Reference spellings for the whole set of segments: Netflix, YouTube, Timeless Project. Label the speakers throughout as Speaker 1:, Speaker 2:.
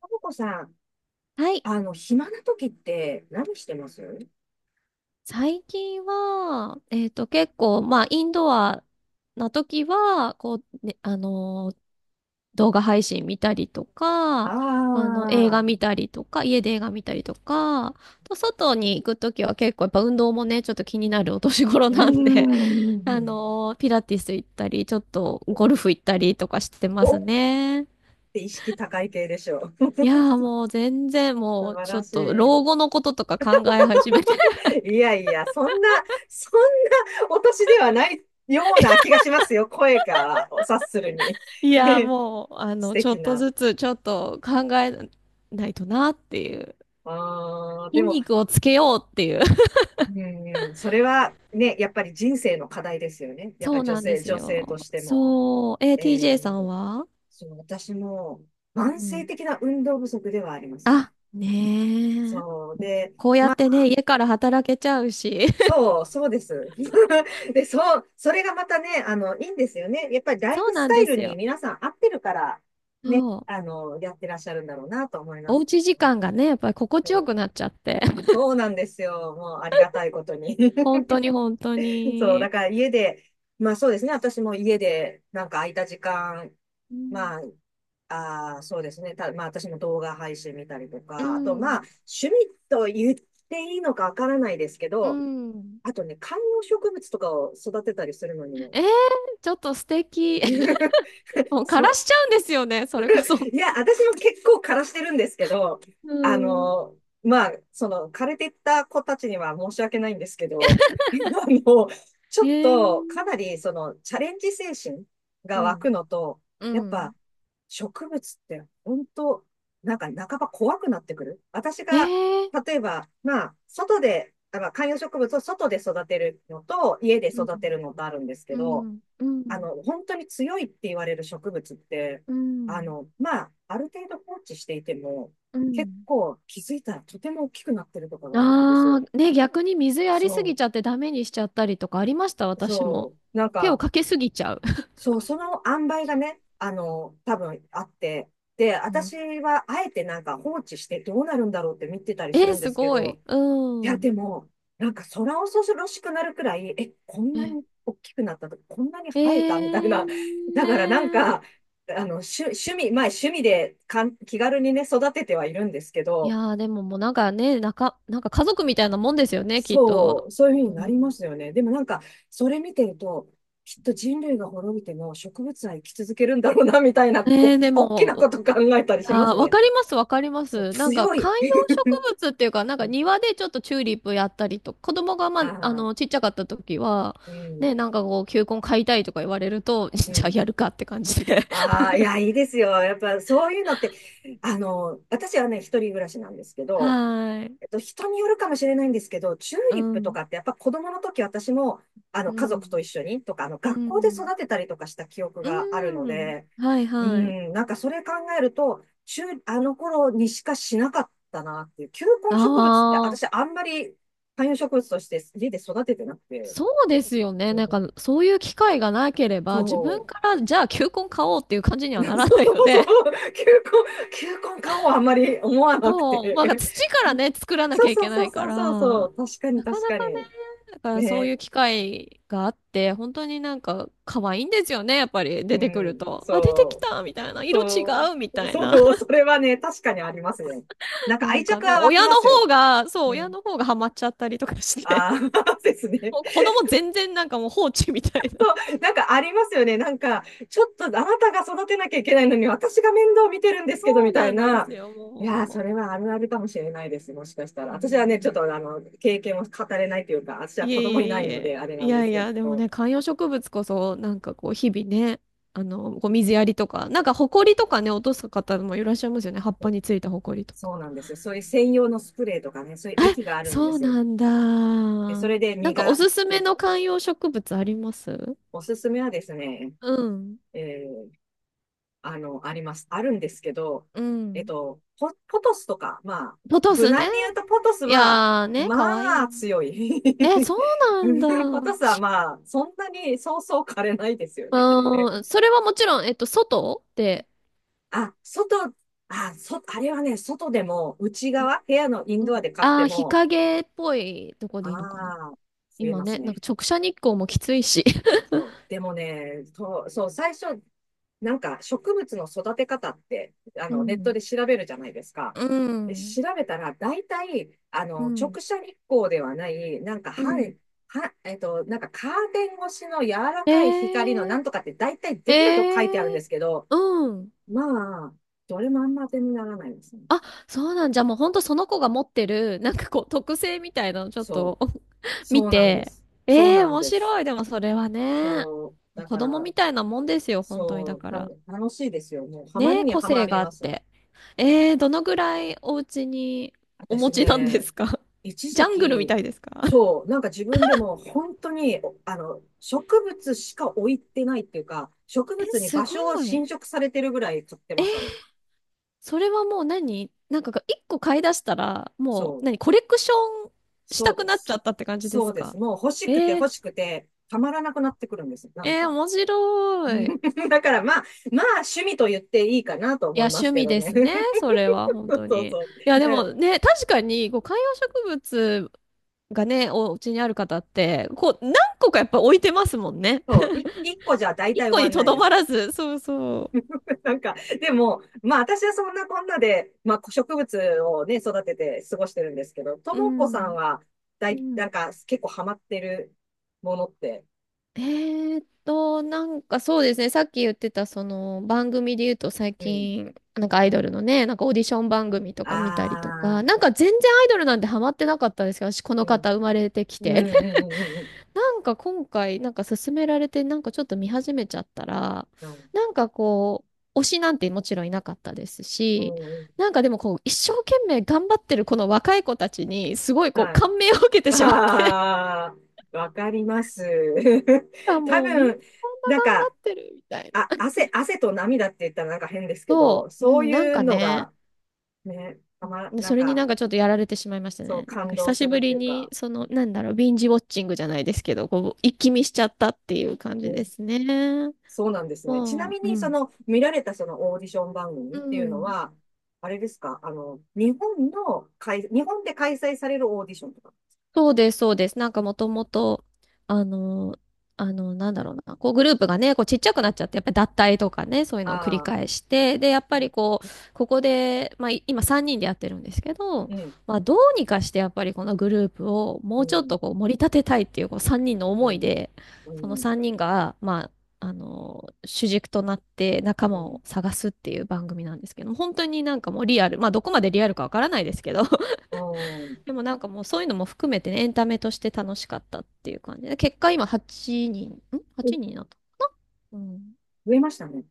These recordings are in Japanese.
Speaker 1: ともこさん、
Speaker 2: はい。
Speaker 1: 暇な時って何してます？
Speaker 2: 最近は、結構、まあ、インドアな時は、こう、ね、動画配信見たりとか、映画
Speaker 1: ああ
Speaker 2: 見たりとか、家で映画見たりとか、あと外に行く時は結構やっぱ運動もね、ちょっと気になるお年頃
Speaker 1: ー、うー
Speaker 2: なんで、
Speaker 1: ん。
Speaker 2: ピラティス行ったり、ちょっとゴルフ行ったりとかしてま
Speaker 1: おー
Speaker 2: す
Speaker 1: っ
Speaker 2: ね。
Speaker 1: て意識高い系でしょう。
Speaker 2: い やーもう全然
Speaker 1: 素
Speaker 2: もう
Speaker 1: 晴
Speaker 2: ちょ
Speaker 1: ら
Speaker 2: っ
Speaker 1: し
Speaker 2: と老
Speaker 1: い。
Speaker 2: 後のこととか考え始めて
Speaker 1: いやいや、そんな、そんなお年ではないような気がしますよ。声から察するに。
Speaker 2: いや、もう、
Speaker 1: 素
Speaker 2: ちょ
Speaker 1: 敵
Speaker 2: っと
Speaker 1: な。
Speaker 2: ずつ、ちょっと考えないとなっていう。
Speaker 1: ああ、で
Speaker 2: 筋
Speaker 1: も、
Speaker 2: 肉をつけようっていう。
Speaker 1: うん、それはね、やっぱり人生の課題ですよね。やっぱ
Speaker 2: そう
Speaker 1: 女
Speaker 2: なんで
Speaker 1: 性、
Speaker 2: す
Speaker 1: 女性と
Speaker 2: よ。
Speaker 1: しても。
Speaker 2: そう。え、TJ
Speaker 1: え
Speaker 2: さんは
Speaker 1: そう、私も
Speaker 2: う
Speaker 1: 慢性
Speaker 2: ん。
Speaker 1: 的な運動不足ではありますね。
Speaker 2: あ、ねえ。
Speaker 1: そうで、
Speaker 2: こうや
Speaker 1: ま
Speaker 2: って
Speaker 1: あ、
Speaker 2: ね、家から働けちゃうし。
Speaker 1: そう、そうです。で、そう、それがまたね、いいんですよね。やっぱり ライ
Speaker 2: そう
Speaker 1: フス
Speaker 2: なん
Speaker 1: タイ
Speaker 2: で
Speaker 1: ル
Speaker 2: す
Speaker 1: に
Speaker 2: よ。
Speaker 1: 皆さん合ってるから、ね、
Speaker 2: そう。
Speaker 1: やってらっしゃるんだろうなと思いま
Speaker 2: おう
Speaker 1: す
Speaker 2: ち
Speaker 1: け
Speaker 2: 時
Speaker 1: どね。
Speaker 2: 間がね、やっぱり心
Speaker 1: そ
Speaker 2: 地よ
Speaker 1: う、
Speaker 2: くなっちゃって。
Speaker 1: そうなんですよ。もうありがたいことに。
Speaker 2: 本当 に本当
Speaker 1: そう、だ
Speaker 2: に。
Speaker 1: から家で、まあそうですね。私も家でなんか空いた時間
Speaker 2: うん。
Speaker 1: まあ、そうですね。まあ、私も動画配信見たりと
Speaker 2: う
Speaker 1: か、あと、ま
Speaker 2: ん。
Speaker 1: あ、趣味と言っていいのかわからないですけ
Speaker 2: う
Speaker 1: ど、
Speaker 2: ん。
Speaker 1: あとね、観葉植物とかを育てたりするのにも、
Speaker 2: えー、ちょっと素敵。も う枯ら
Speaker 1: そ、
Speaker 2: しちゃうんですよね、それこそ。
Speaker 1: いや、私も結構枯らしてるんですけど、
Speaker 2: う
Speaker 1: あ
Speaker 2: ん。
Speaker 1: の、まあ、枯れてった子たちには申し訳ないんですけど、あの、ち
Speaker 2: え
Speaker 1: ょっ
Speaker 2: ー、
Speaker 1: と、かなり、チャレンジ精神
Speaker 2: う
Speaker 1: が湧
Speaker 2: ん。
Speaker 1: くのと、
Speaker 2: う
Speaker 1: やっ
Speaker 2: ん。
Speaker 1: ぱ、植物って、本当なんか、半ば怖くなってくる。私
Speaker 2: え
Speaker 1: が、
Speaker 2: ー、
Speaker 1: 例えば、まあ、外で、あの観葉植物を外で育てるのと、家で
Speaker 2: うん。
Speaker 1: 育てるのとあるんですけ
Speaker 2: う
Speaker 1: ど、
Speaker 2: ん。うん。
Speaker 1: 本当に強いって言われる植物って、
Speaker 2: うん。
Speaker 1: まあ、ある程度放置していても、
Speaker 2: う
Speaker 1: 結
Speaker 2: ん
Speaker 1: 構気づいたらとても大きくなってるとかがあるんです
Speaker 2: ああ
Speaker 1: よ。
Speaker 2: ー、ね、逆に水やりすぎ
Speaker 1: そ
Speaker 2: ちゃってダメにしちゃったりとかありました、
Speaker 1: う、
Speaker 2: 私も。
Speaker 1: そう、なん
Speaker 2: 手を
Speaker 1: か、
Speaker 2: かけすぎちゃう。
Speaker 1: そう、その塩梅がね、多分あって、で、
Speaker 2: うん
Speaker 1: 私はあえてなんか放置してどうなるんだろうって見てた りす
Speaker 2: え
Speaker 1: る
Speaker 2: ー、
Speaker 1: んで
Speaker 2: す
Speaker 1: すけ
Speaker 2: ごい。
Speaker 1: ど、い
Speaker 2: う
Speaker 1: や、
Speaker 2: ん。
Speaker 1: でも、なんか空恐ろしくなるくらい、え、こんな
Speaker 2: え、
Speaker 1: に大きくなったとか、こんなに
Speaker 2: え
Speaker 1: 生えたみたいな。
Speaker 2: ー、
Speaker 1: だからなんか、趣味、まあ趣味で気軽にね、育ててはいるんですけ
Speaker 2: い
Speaker 1: ど、
Speaker 2: やー、でももうなんかね、なか、なんか家族みたいなもんですよね、きっ
Speaker 1: そ
Speaker 2: と。
Speaker 1: う、そういうふう
Speaker 2: う
Speaker 1: になりま
Speaker 2: ん
Speaker 1: すよね。でもなんか、それ見てると、きっと人類が滅びても植物は生き続けるんだろうな、みたいな、お
Speaker 2: え
Speaker 1: っ
Speaker 2: ー、
Speaker 1: き、
Speaker 2: で
Speaker 1: おっきなこ
Speaker 2: も、
Speaker 1: と考えた
Speaker 2: い
Speaker 1: り
Speaker 2: や
Speaker 1: しま
Speaker 2: ー、
Speaker 1: す
Speaker 2: わ
Speaker 1: ね。
Speaker 2: かります、わかりま
Speaker 1: そう、
Speaker 2: す。なんか
Speaker 1: 強
Speaker 2: 観
Speaker 1: い。
Speaker 2: 葉植物っていうか、なんか 庭でちょっとチューリップやったりと、子供がまあ、
Speaker 1: ああ、
Speaker 2: ちっちゃかった時は、
Speaker 1: うん、
Speaker 2: ね、なんかこう、球根買いたいとか言われると、
Speaker 1: う
Speaker 2: じゃあ
Speaker 1: ん。
Speaker 2: やるかって感じで。
Speaker 1: ああ、いや、いいですよ。やっぱそういうのって、私はね、一人暮らしなんですけ
Speaker 2: は
Speaker 1: ど、
Speaker 2: ーい。
Speaker 1: 人によるかもしれないんですけど、チュー
Speaker 2: う
Speaker 1: リップと
Speaker 2: ん。
Speaker 1: かってやっぱ子供の時私も、
Speaker 2: う
Speaker 1: 家族
Speaker 2: ん。
Speaker 1: と一緒にとか、
Speaker 2: う
Speaker 1: 学校で
Speaker 2: ん。
Speaker 1: 育てたりとかした記憶
Speaker 2: う
Speaker 1: があるの
Speaker 2: ん。
Speaker 1: で、
Speaker 2: はい
Speaker 1: う
Speaker 2: はい。
Speaker 1: ん、なんかそれ考えると、チューあの頃にしかしなかったなっていう、球根
Speaker 2: あ
Speaker 1: 植物って私
Speaker 2: あ、
Speaker 1: あんまり観葉植物として家で育ててなくて、
Speaker 2: そうですよね。
Speaker 1: う
Speaker 2: なん
Speaker 1: ん、
Speaker 2: か、そういう機会がなければ、
Speaker 1: そ
Speaker 2: 自分
Speaker 1: う。
Speaker 2: から、じゃあ球根買おうっていう感じ に
Speaker 1: そ
Speaker 2: はな
Speaker 1: う、
Speaker 2: らないの
Speaker 1: そ
Speaker 2: で。
Speaker 1: う、球根感はあんまり思わなく
Speaker 2: そう、まあ、
Speaker 1: て。
Speaker 2: 土 からね、作らな
Speaker 1: そ
Speaker 2: き
Speaker 1: う
Speaker 2: ゃい
Speaker 1: そ
Speaker 2: け
Speaker 1: う
Speaker 2: な
Speaker 1: そ
Speaker 2: い
Speaker 1: う
Speaker 2: か
Speaker 1: そうそうそ
Speaker 2: ら、
Speaker 1: う、確か
Speaker 2: な
Speaker 1: に
Speaker 2: か
Speaker 1: 確
Speaker 2: な
Speaker 1: か
Speaker 2: かね、
Speaker 1: に。
Speaker 2: だからそうい
Speaker 1: ね、
Speaker 2: う機会があって、本当になんか可愛いんですよね、やっぱり
Speaker 1: う
Speaker 2: 出てくる
Speaker 1: ん、
Speaker 2: と。あ、出てき
Speaker 1: そう、
Speaker 2: たみたいな、色違
Speaker 1: そ
Speaker 2: うみ
Speaker 1: う、
Speaker 2: たい
Speaker 1: そ
Speaker 2: な。
Speaker 1: う、そ れはね、確かにありますね。なん
Speaker 2: な
Speaker 1: か愛
Speaker 2: んか
Speaker 1: 着
Speaker 2: ね、
Speaker 1: は湧き
Speaker 2: 親の
Speaker 1: ます
Speaker 2: 方
Speaker 1: よ。
Speaker 2: が、そう、
Speaker 1: う
Speaker 2: 親
Speaker 1: ん。
Speaker 2: の方がハマっちゃったりとかして、
Speaker 1: ああ、ですね。
Speaker 2: もう子供全然なんかもう放置みたいな。
Speaker 1: そう、なんかありますよね。なんか、ちょっとあなたが育てなきゃいけないのに、私が面倒見てるんですけど、
Speaker 2: そ
Speaker 1: み
Speaker 2: う
Speaker 1: たい
Speaker 2: なんで
Speaker 1: な。
Speaker 2: すよ、
Speaker 1: いやー、そ
Speaker 2: も
Speaker 1: れはあるあるかもしれないです。もしかしたら。
Speaker 2: う。う
Speaker 1: 私はね、ちょっ
Speaker 2: ん
Speaker 1: と経験を語れないというか、私は
Speaker 2: いえ
Speaker 1: 子供いな
Speaker 2: いえ
Speaker 1: い
Speaker 2: い
Speaker 1: ので、
Speaker 2: え。
Speaker 1: あれな
Speaker 2: い
Speaker 1: んで
Speaker 2: や
Speaker 1: す
Speaker 2: い
Speaker 1: け
Speaker 2: や、でも
Speaker 1: ど、
Speaker 2: ね、観葉植物こそ、なんかこう、日々ね、こう水やりとか、なんか、ほこりとかね、落とす方もいらっしゃいますよね。葉っぱについたほこりとか。
Speaker 1: そうなんですよ。そういう専用のスプレーとかね、そういう
Speaker 2: え、
Speaker 1: 液があるんで
Speaker 2: そう
Speaker 1: す。
Speaker 2: なんだ。
Speaker 1: で、それで
Speaker 2: な
Speaker 1: 実
Speaker 2: んか、お
Speaker 1: が、
Speaker 2: すすめの観葉植物あります
Speaker 1: おすすめはですね、
Speaker 2: うん。
Speaker 1: えあの、あります。あるんですけど、
Speaker 2: うん。
Speaker 1: ポトスとか、まあ、
Speaker 2: ポト
Speaker 1: 無
Speaker 2: スね。
Speaker 1: 難に言うとポトス
Speaker 2: い
Speaker 1: は、
Speaker 2: やーね、かわい
Speaker 1: ま
Speaker 2: い。
Speaker 1: あ、強い。
Speaker 2: え、そうなんだ。
Speaker 1: ポトスはまあ、そんなにそうそう枯れないですよね、あれ。
Speaker 2: うん、それはもちろん、外で、
Speaker 1: 外、あれはね、外でも、内
Speaker 2: うん。
Speaker 1: 側、部屋のイン
Speaker 2: う
Speaker 1: ドア
Speaker 2: ん
Speaker 1: で買っ
Speaker 2: あ
Speaker 1: て
Speaker 2: あー、日
Speaker 1: も、
Speaker 2: 陰っぽいとこ
Speaker 1: あ
Speaker 2: でいいのかな。
Speaker 1: あ、増え
Speaker 2: 今
Speaker 1: ます
Speaker 2: ね、なんか
Speaker 1: ね。
Speaker 2: 直射日光もきついし。
Speaker 1: そう。でもね、そう、そう、最初、なんか植物の育て方って、
Speaker 2: う
Speaker 1: ネット
Speaker 2: ん。
Speaker 1: で調べるじゃないですか。
Speaker 2: う
Speaker 1: で、
Speaker 2: ん、
Speaker 1: 調べたら、大体、
Speaker 2: う
Speaker 1: 直
Speaker 2: ん、
Speaker 1: 射日光ではない、なんか
Speaker 2: う
Speaker 1: 半、
Speaker 2: ん。
Speaker 1: は、えっと、なんかカーテン越しの柔ら
Speaker 2: え
Speaker 1: かい光のな
Speaker 2: え
Speaker 1: んとかって大体
Speaker 2: え
Speaker 1: 全部と書いてあるんで
Speaker 2: え
Speaker 1: すけど、
Speaker 2: うん。
Speaker 1: まあ、どれもあんま当てにならないですね。
Speaker 2: あ、そうなんじゃ、もうほんとその子が持ってる、なんかこう、特性みたいなのちょっ
Speaker 1: そう。
Speaker 2: と 見
Speaker 1: そうなんで
Speaker 2: て、
Speaker 1: す。そう
Speaker 2: ええ
Speaker 1: なん
Speaker 2: 面
Speaker 1: です。
Speaker 2: 白い。でもそれはね、
Speaker 1: そう。だ
Speaker 2: 子
Speaker 1: か
Speaker 2: 供
Speaker 1: ら、
Speaker 2: みたいなもんですよ、本当に。
Speaker 1: そ
Speaker 2: だ
Speaker 1: う、
Speaker 2: から。
Speaker 1: 楽しいですよ。もう、ハマ
Speaker 2: ね
Speaker 1: り
Speaker 2: え、
Speaker 1: には
Speaker 2: 個
Speaker 1: ま
Speaker 2: 性
Speaker 1: り
Speaker 2: があ
Speaker 1: ま
Speaker 2: っ
Speaker 1: すね。
Speaker 2: て。ええどのぐらいお家にお持
Speaker 1: 私
Speaker 2: ちなんで
Speaker 1: ね、
Speaker 2: すか
Speaker 1: 一
Speaker 2: ジ
Speaker 1: 時
Speaker 2: ャングルみた
Speaker 1: 期、
Speaker 2: いですか
Speaker 1: そ う、なんか自分でも本当に、植物しか置いてないっていうか、植
Speaker 2: え、
Speaker 1: 物に
Speaker 2: す
Speaker 1: 場所は
Speaker 2: ごい。
Speaker 1: 侵食されてるぐらい買ってましたね。
Speaker 2: それはもう何なんかが一個買い出したら、も
Speaker 1: そ
Speaker 2: う
Speaker 1: う、
Speaker 2: 何コレクションし
Speaker 1: そう
Speaker 2: たく
Speaker 1: で
Speaker 2: なっちゃ
Speaker 1: す。
Speaker 2: ったって感じで
Speaker 1: そう
Speaker 2: す
Speaker 1: です。
Speaker 2: か
Speaker 1: もう欲しくて
Speaker 2: えー、
Speaker 1: 欲しくて、たまらなくなってくるんです。なん
Speaker 2: えー、
Speaker 1: か。
Speaker 2: 面白い。
Speaker 1: だからまあ趣味と言っていいかなと
Speaker 2: い
Speaker 1: 思
Speaker 2: や、
Speaker 1: いま
Speaker 2: 趣
Speaker 1: すけ
Speaker 2: 味
Speaker 1: ど
Speaker 2: で
Speaker 1: ね。
Speaker 2: すね。それは、本
Speaker 1: そう
Speaker 2: 当
Speaker 1: そう
Speaker 2: に。い
Speaker 1: そう。
Speaker 2: や、で
Speaker 1: で
Speaker 2: もね、確かに、こう、観葉植物がね、お家にある方って、こう、何個かやっぱ置いてますもんね。
Speaker 1: そう、一個じゃ大
Speaker 2: 一
Speaker 1: 体終
Speaker 2: 個
Speaker 1: わ
Speaker 2: に
Speaker 1: ん
Speaker 2: と
Speaker 1: ない
Speaker 2: ど
Speaker 1: で
Speaker 2: ま
Speaker 1: す。
Speaker 2: らず。そうそ
Speaker 1: なんか、でも、まあ私はそんなこんなで、まあ植物をね、育てて過ごしてるんですけど、と
Speaker 2: う。う
Speaker 1: もこさん
Speaker 2: ん。
Speaker 1: は、
Speaker 2: う
Speaker 1: なん
Speaker 2: ん。
Speaker 1: か結構ハマってるものって、
Speaker 2: なんかそうですね、さっき言ってたその番組で言うと最
Speaker 1: うん。
Speaker 2: 近、なんかアイドルのね、なんかオーディション番組とか見たりと
Speaker 1: あ
Speaker 2: か、なん
Speaker 1: あ、
Speaker 2: か全然アイドルなんてハマってなかったんですけど、私こ
Speaker 1: う
Speaker 2: の方
Speaker 1: ん。
Speaker 2: 生まれてき
Speaker 1: うんう
Speaker 2: て。
Speaker 1: んうんうん
Speaker 2: なんか今回、なんか勧められて、なんかちょっと見始めちゃったら、
Speaker 1: うん。
Speaker 2: なんかこう、推しなんてもちろんいなかったです
Speaker 1: うんう
Speaker 2: し、
Speaker 1: んうん。
Speaker 2: なんかでもこう、一生懸命頑張ってるこの若い子たちに、すごいこう、
Speaker 1: はい。
Speaker 2: 感銘を受けてしまって、
Speaker 1: ああ、わかります。
Speaker 2: あ、
Speaker 1: 多
Speaker 2: もうみんな
Speaker 1: 分、
Speaker 2: こんな
Speaker 1: なん
Speaker 2: 頑
Speaker 1: か、
Speaker 2: 張ってるみたい
Speaker 1: あ、
Speaker 2: な。
Speaker 1: 汗と涙って言ったらなんか変ですけど、
Speaker 2: そう、う
Speaker 1: そう
Speaker 2: ん、なん
Speaker 1: いう
Speaker 2: か
Speaker 1: の
Speaker 2: ね、
Speaker 1: が、ね、なん
Speaker 2: それに
Speaker 1: か、
Speaker 2: なんかちょっとやられてしまいました
Speaker 1: そう
Speaker 2: ね。なん
Speaker 1: 感
Speaker 2: か
Speaker 1: 動
Speaker 2: 久し
Speaker 1: する
Speaker 2: ぶ
Speaker 1: って
Speaker 2: り
Speaker 1: いう
Speaker 2: に、
Speaker 1: か、
Speaker 2: その、なんだろう、ビンジウォッチングじゃないですけど、こう、一気見しちゃったっていう感じ
Speaker 1: う
Speaker 2: で
Speaker 1: ん、
Speaker 2: すね。
Speaker 1: そうなんですね。ちな
Speaker 2: も
Speaker 1: み
Speaker 2: う、う
Speaker 1: に、
Speaker 2: ん。
Speaker 1: 見られたそのオーディション番組
Speaker 2: う
Speaker 1: っていうの
Speaker 2: ん。
Speaker 1: は、あれですか？日本で開催されるオーディションとか。
Speaker 2: そうです、そうです。なんかもともと、あの、あの、なんだろうな、こうグループがね、こうちっちゃくなっちゃって、やっぱり脱退とかね、そういうのを繰り
Speaker 1: ああ、
Speaker 2: 返して、で、やっぱりこう、ここで、まあい今3人でやってるんですけど、
Speaker 1: うん、
Speaker 2: まあどうにかしてやっぱりこのグループをも
Speaker 1: う
Speaker 2: うち
Speaker 1: ん、
Speaker 2: ょっ
Speaker 1: うん、
Speaker 2: とこう盛り立てたいっていうこう3人の
Speaker 1: う
Speaker 2: 思い
Speaker 1: ん、
Speaker 2: で、
Speaker 1: う
Speaker 2: その
Speaker 1: ん、
Speaker 2: 3人が、まあ、主軸となって仲
Speaker 1: う
Speaker 2: 間
Speaker 1: ん。
Speaker 2: を探すっていう番組なんですけども、本当になんかもうリアル、まあどこまでリアルかわからないですけど、でもなんかもうそういうのも含めてね、エンタメとして楽しかったっていう感じで、結果今8人、ん ?8 人
Speaker 1: え
Speaker 2: になった。うん。
Speaker 1: 増えましたね。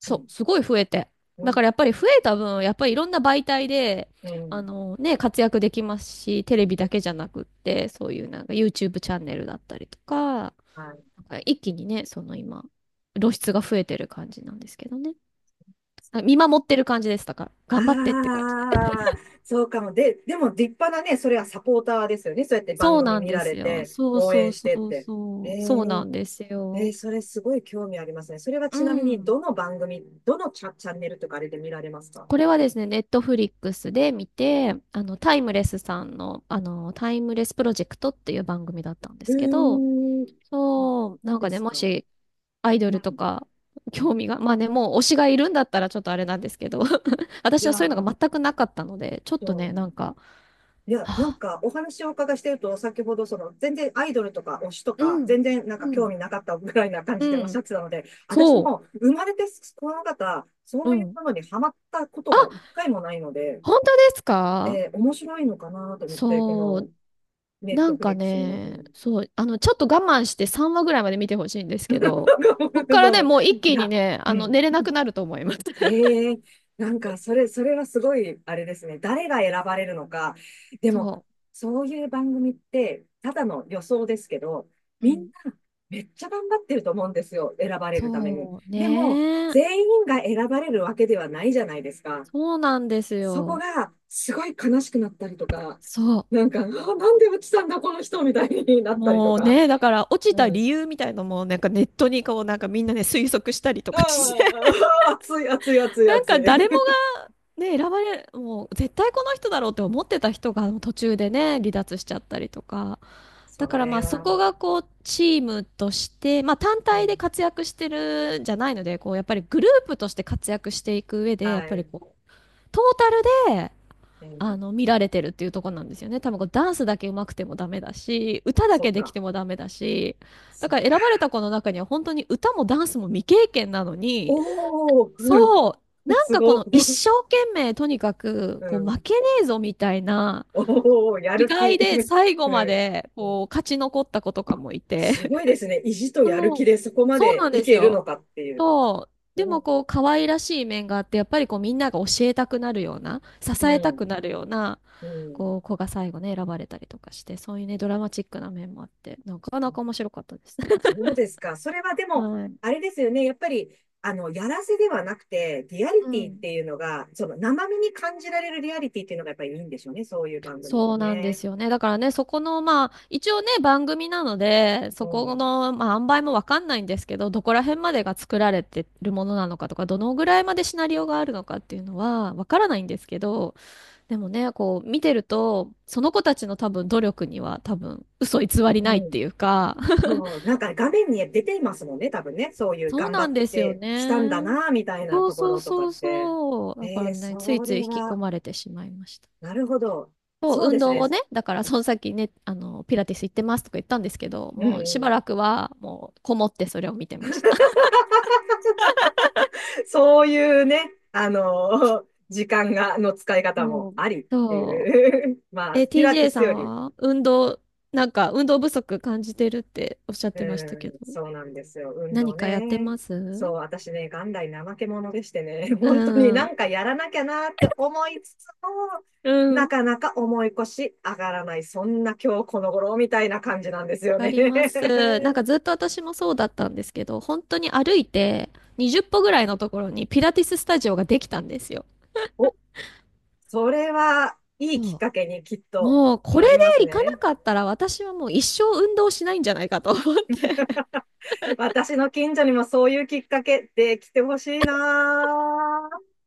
Speaker 1: ち
Speaker 2: そう、すごい増えて。だからやっぱり増えた分、やっぱりいろんな媒体で、
Speaker 1: うん、う
Speaker 2: あ
Speaker 1: ん
Speaker 2: のね、活躍できますし、テレビだけじゃなくって、そういうなんか YouTube チャンネルだったりとか、
Speaker 1: はい。
Speaker 2: なんか一気にね、その今、露出が増えてる感じなんですけどね。あ見守ってる感じでしただから、頑張ってって感じで。
Speaker 1: ああ、そうかも。でも立派なね、それはサポーターですよね。そうやって番
Speaker 2: そう
Speaker 1: 組
Speaker 2: なん
Speaker 1: 見
Speaker 2: で
Speaker 1: られ
Speaker 2: すよ。
Speaker 1: て、
Speaker 2: そう
Speaker 1: 応
Speaker 2: そ
Speaker 1: 援
Speaker 2: う
Speaker 1: し
Speaker 2: そ
Speaker 1: てっ
Speaker 2: う
Speaker 1: て。へ
Speaker 2: そう。そうな
Speaker 1: え
Speaker 2: んです
Speaker 1: えー、
Speaker 2: よ。
Speaker 1: それすごい興味ありますね。それは
Speaker 2: う
Speaker 1: ちなみに、
Speaker 2: ん。
Speaker 1: どの番組、どのチャ、チャンネルとかあれで見られますか？
Speaker 2: これはですね、ネットフリックスで見て、タイムレスさんの、タイムレスプロジェクトっていう番組だったんで
Speaker 1: う
Speaker 2: すけど、
Speaker 1: ーん、そ
Speaker 2: そう、
Speaker 1: そ
Speaker 2: な
Speaker 1: う
Speaker 2: ん
Speaker 1: で
Speaker 2: かね、
Speaker 1: す
Speaker 2: も
Speaker 1: か。うん
Speaker 2: し、アイドルとか、興味が、まあね、もう推しがいるんだったらちょっとあれなんですけど、
Speaker 1: い
Speaker 2: 私
Speaker 1: や
Speaker 2: はそういうの
Speaker 1: ー、
Speaker 2: が全くなかったので、ちょっ
Speaker 1: そ
Speaker 2: とね、
Speaker 1: う
Speaker 2: なんか、
Speaker 1: いや、
Speaker 2: は
Speaker 1: なん
Speaker 2: あ
Speaker 1: かお話をお伺いしてると、先ほどその全然アイドルとか推しと
Speaker 2: う
Speaker 1: か、
Speaker 2: ん、
Speaker 1: 全然なんか
Speaker 2: う
Speaker 1: 興
Speaker 2: ん、
Speaker 1: 味なかったぐらいな感
Speaker 2: う
Speaker 1: じでおっしゃ
Speaker 2: ん、
Speaker 1: ってたので、私
Speaker 2: そ
Speaker 1: も生まれてこの方、そ
Speaker 2: う、
Speaker 1: う
Speaker 2: う
Speaker 1: いう
Speaker 2: ん。
Speaker 1: ものにハマったことが
Speaker 2: あ、
Speaker 1: 一回もないので、
Speaker 2: 本当ですか
Speaker 1: 面白いのかなと思って、こ
Speaker 2: そ
Speaker 1: の
Speaker 2: う、
Speaker 1: ネッ
Speaker 2: な
Speaker 1: ト
Speaker 2: ん
Speaker 1: フ
Speaker 2: か
Speaker 1: リックスの、う
Speaker 2: ね、
Speaker 1: ん。
Speaker 2: そう、ちょっと我慢して3話ぐらいまで見てほしいんですけど、こっ からね、
Speaker 1: そう。
Speaker 2: もう一
Speaker 1: い
Speaker 2: 気に
Speaker 1: や、
Speaker 2: ね、
Speaker 1: うん。
Speaker 2: 寝れなくなると思います。
Speaker 1: ええなんか、それはすごい、あれですね。誰が選ばれるのか。でも、
Speaker 2: そ
Speaker 1: そういう番組って、ただの予想ですけど、
Speaker 2: う。う
Speaker 1: みん
Speaker 2: ん。
Speaker 1: な、めっちゃ頑張ってると思うんですよ。選ばれるために。
Speaker 2: そう、
Speaker 1: でも、
Speaker 2: ね
Speaker 1: 全員が選ばれるわけではないじゃないですか。
Speaker 2: そうなんです
Speaker 1: そこ
Speaker 2: よ。
Speaker 1: が、すごい悲しくなったりとか、
Speaker 2: そ
Speaker 1: なんか、あ、なんで落ちたんだ、この人、みたいにな
Speaker 2: う。
Speaker 1: ったりと
Speaker 2: もう
Speaker 1: か。
Speaker 2: ね、だから落ちた
Speaker 1: う
Speaker 2: 理
Speaker 1: ん。
Speaker 2: 由みたいのも、なんかネットにこう、なんかみんなね、推測したりとかして、
Speaker 1: あ あ、熱い、熱い、熱い、
Speaker 2: なん
Speaker 1: 熱
Speaker 2: か誰も
Speaker 1: い。
Speaker 2: ね、選ばれ、もう絶対この人だろうって思ってた人が途中でね、離脱しちゃったりとか。
Speaker 1: そ
Speaker 2: だからま
Speaker 1: れ
Speaker 2: あそ
Speaker 1: は、
Speaker 2: こがこうチームとして、まあ単
Speaker 1: う
Speaker 2: 体で
Speaker 1: ん、
Speaker 2: 活躍してるんじゃないので、こうやっぱりグループとして活躍していく上で、やっ
Speaker 1: は
Speaker 2: ぱり
Speaker 1: い、
Speaker 2: こう、トータルで、
Speaker 1: うん、
Speaker 2: 見られてるっていうところなんですよね。多分こうダンスだけ上手くてもダメだし、歌だ
Speaker 1: そ
Speaker 2: け
Speaker 1: っ
Speaker 2: でき
Speaker 1: か、
Speaker 2: てもダメだし、だ
Speaker 1: そっ
Speaker 2: から選
Speaker 1: か。
Speaker 2: ばれた子の中には本当に歌もダンスも未経験なのに、
Speaker 1: おー、うん、
Speaker 2: そう。なんかこの一
Speaker 1: う
Speaker 2: 生懸命とにかくこう負
Speaker 1: ん、
Speaker 2: けねえぞみたいな
Speaker 1: おー、や
Speaker 2: 気
Speaker 1: る気、
Speaker 2: 概で最 後
Speaker 1: う
Speaker 2: ま
Speaker 1: ん、
Speaker 2: で
Speaker 1: うん、
Speaker 2: こう勝ち残った子とかもいて。
Speaker 1: すごいですね。意地と やる気
Speaker 2: そう。
Speaker 1: でそこま
Speaker 2: そう
Speaker 1: で
Speaker 2: なん
Speaker 1: い
Speaker 2: です
Speaker 1: けるの
Speaker 2: よ。
Speaker 1: かっていう。
Speaker 2: そう。でも
Speaker 1: う
Speaker 2: こう可愛らしい面があってやっぱりこうみんなが教えたくなるような支えたく
Speaker 1: ん、
Speaker 2: なるような
Speaker 1: うん、
Speaker 2: こう子が最後ね選ばれたりとかしてそういうねドラマチックな面もあってなかなか面白かったです。
Speaker 1: そうですか。それはでも、
Speaker 2: はい。
Speaker 1: あれですよね。やっぱり、やらせではなくて、リアリ
Speaker 2: う
Speaker 1: ティっ
Speaker 2: ん。
Speaker 1: ていうのが、その生身に感じられるリアリティっていうのがやっぱりいいんでしょうね。そういう番組って
Speaker 2: そうなんで
Speaker 1: ね。
Speaker 2: すよね。だからね、そこの、まあ、一応ね、番組なので、
Speaker 1: う
Speaker 2: そこ
Speaker 1: ん。
Speaker 2: の、まあ、塩梅もわかんないんですけど、どこら辺までが作られてるものなのかとか、どのぐらいまでシナリオがあるのかっていうのは、わからないんですけど、でもね、こう、見てると、その子たちの多分努力には多分、嘘偽り
Speaker 1: う
Speaker 2: ないっ
Speaker 1: ん。
Speaker 2: ていうか、
Speaker 1: そう、なんか画面に出ていますもんね、多分ね。そういう
Speaker 2: そう
Speaker 1: 頑張
Speaker 2: な
Speaker 1: っ
Speaker 2: んですよ
Speaker 1: てきたんだ
Speaker 2: ね。
Speaker 1: な、みたいな
Speaker 2: そう
Speaker 1: とこ
Speaker 2: そう
Speaker 1: ろとか
Speaker 2: そ
Speaker 1: っ
Speaker 2: う
Speaker 1: て。
Speaker 2: そう。だか
Speaker 1: え
Speaker 2: ら
Speaker 1: ー、
Speaker 2: ね、つい
Speaker 1: そ
Speaker 2: つい
Speaker 1: れ
Speaker 2: 引き込
Speaker 1: は、
Speaker 2: まれてしまいました。
Speaker 1: なるほど。
Speaker 2: そ
Speaker 1: そ
Speaker 2: う、
Speaker 1: うで
Speaker 2: 運
Speaker 1: す
Speaker 2: 動
Speaker 1: ね。
Speaker 2: をね、だからその先ね、ピラティス行ってますとか言ったんですけど、
Speaker 1: う
Speaker 2: もうしば
Speaker 1: ん。
Speaker 2: らくはもうこもってそれを見てました。
Speaker 1: そういうね、時間の使い 方
Speaker 2: そ
Speaker 1: も
Speaker 2: う。
Speaker 1: ありって
Speaker 2: そ
Speaker 1: いう。ま
Speaker 2: う。
Speaker 1: あ、
Speaker 2: え、
Speaker 1: ピラティ
Speaker 2: TJ
Speaker 1: ス
Speaker 2: さん
Speaker 1: より
Speaker 2: は運動、なんか運動不足感じてるっておっしゃってましたけど、
Speaker 1: うん、そうなんですよ。運
Speaker 2: 何
Speaker 1: 動
Speaker 2: かやって
Speaker 1: ね。
Speaker 2: ま
Speaker 1: そう、
Speaker 2: す
Speaker 1: 私ね、元来怠け者でしてね、
Speaker 2: う
Speaker 1: 本当にな
Speaker 2: ん。
Speaker 1: んかやらなきゃなって思いつつも、
Speaker 2: う
Speaker 1: な
Speaker 2: ん。
Speaker 1: かなか重い腰上がらない、そんな今日この頃みたいな感じなんですよ
Speaker 2: わか
Speaker 1: ね。
Speaker 2: ります。なんか ずっと私もそうだったんですけど、本当に歩いて20歩ぐらいのところにピラティススタジオができたんですよ。
Speaker 1: お、それはいいきっ
Speaker 2: そう。
Speaker 1: かけにきっと
Speaker 2: もうこれ
Speaker 1: なります
Speaker 2: で行かな
Speaker 1: ね。
Speaker 2: かったら私はもう一生運動しないんじゃないかと思って。
Speaker 1: 私の近所にもそういうきっかけできてほしいなぁ。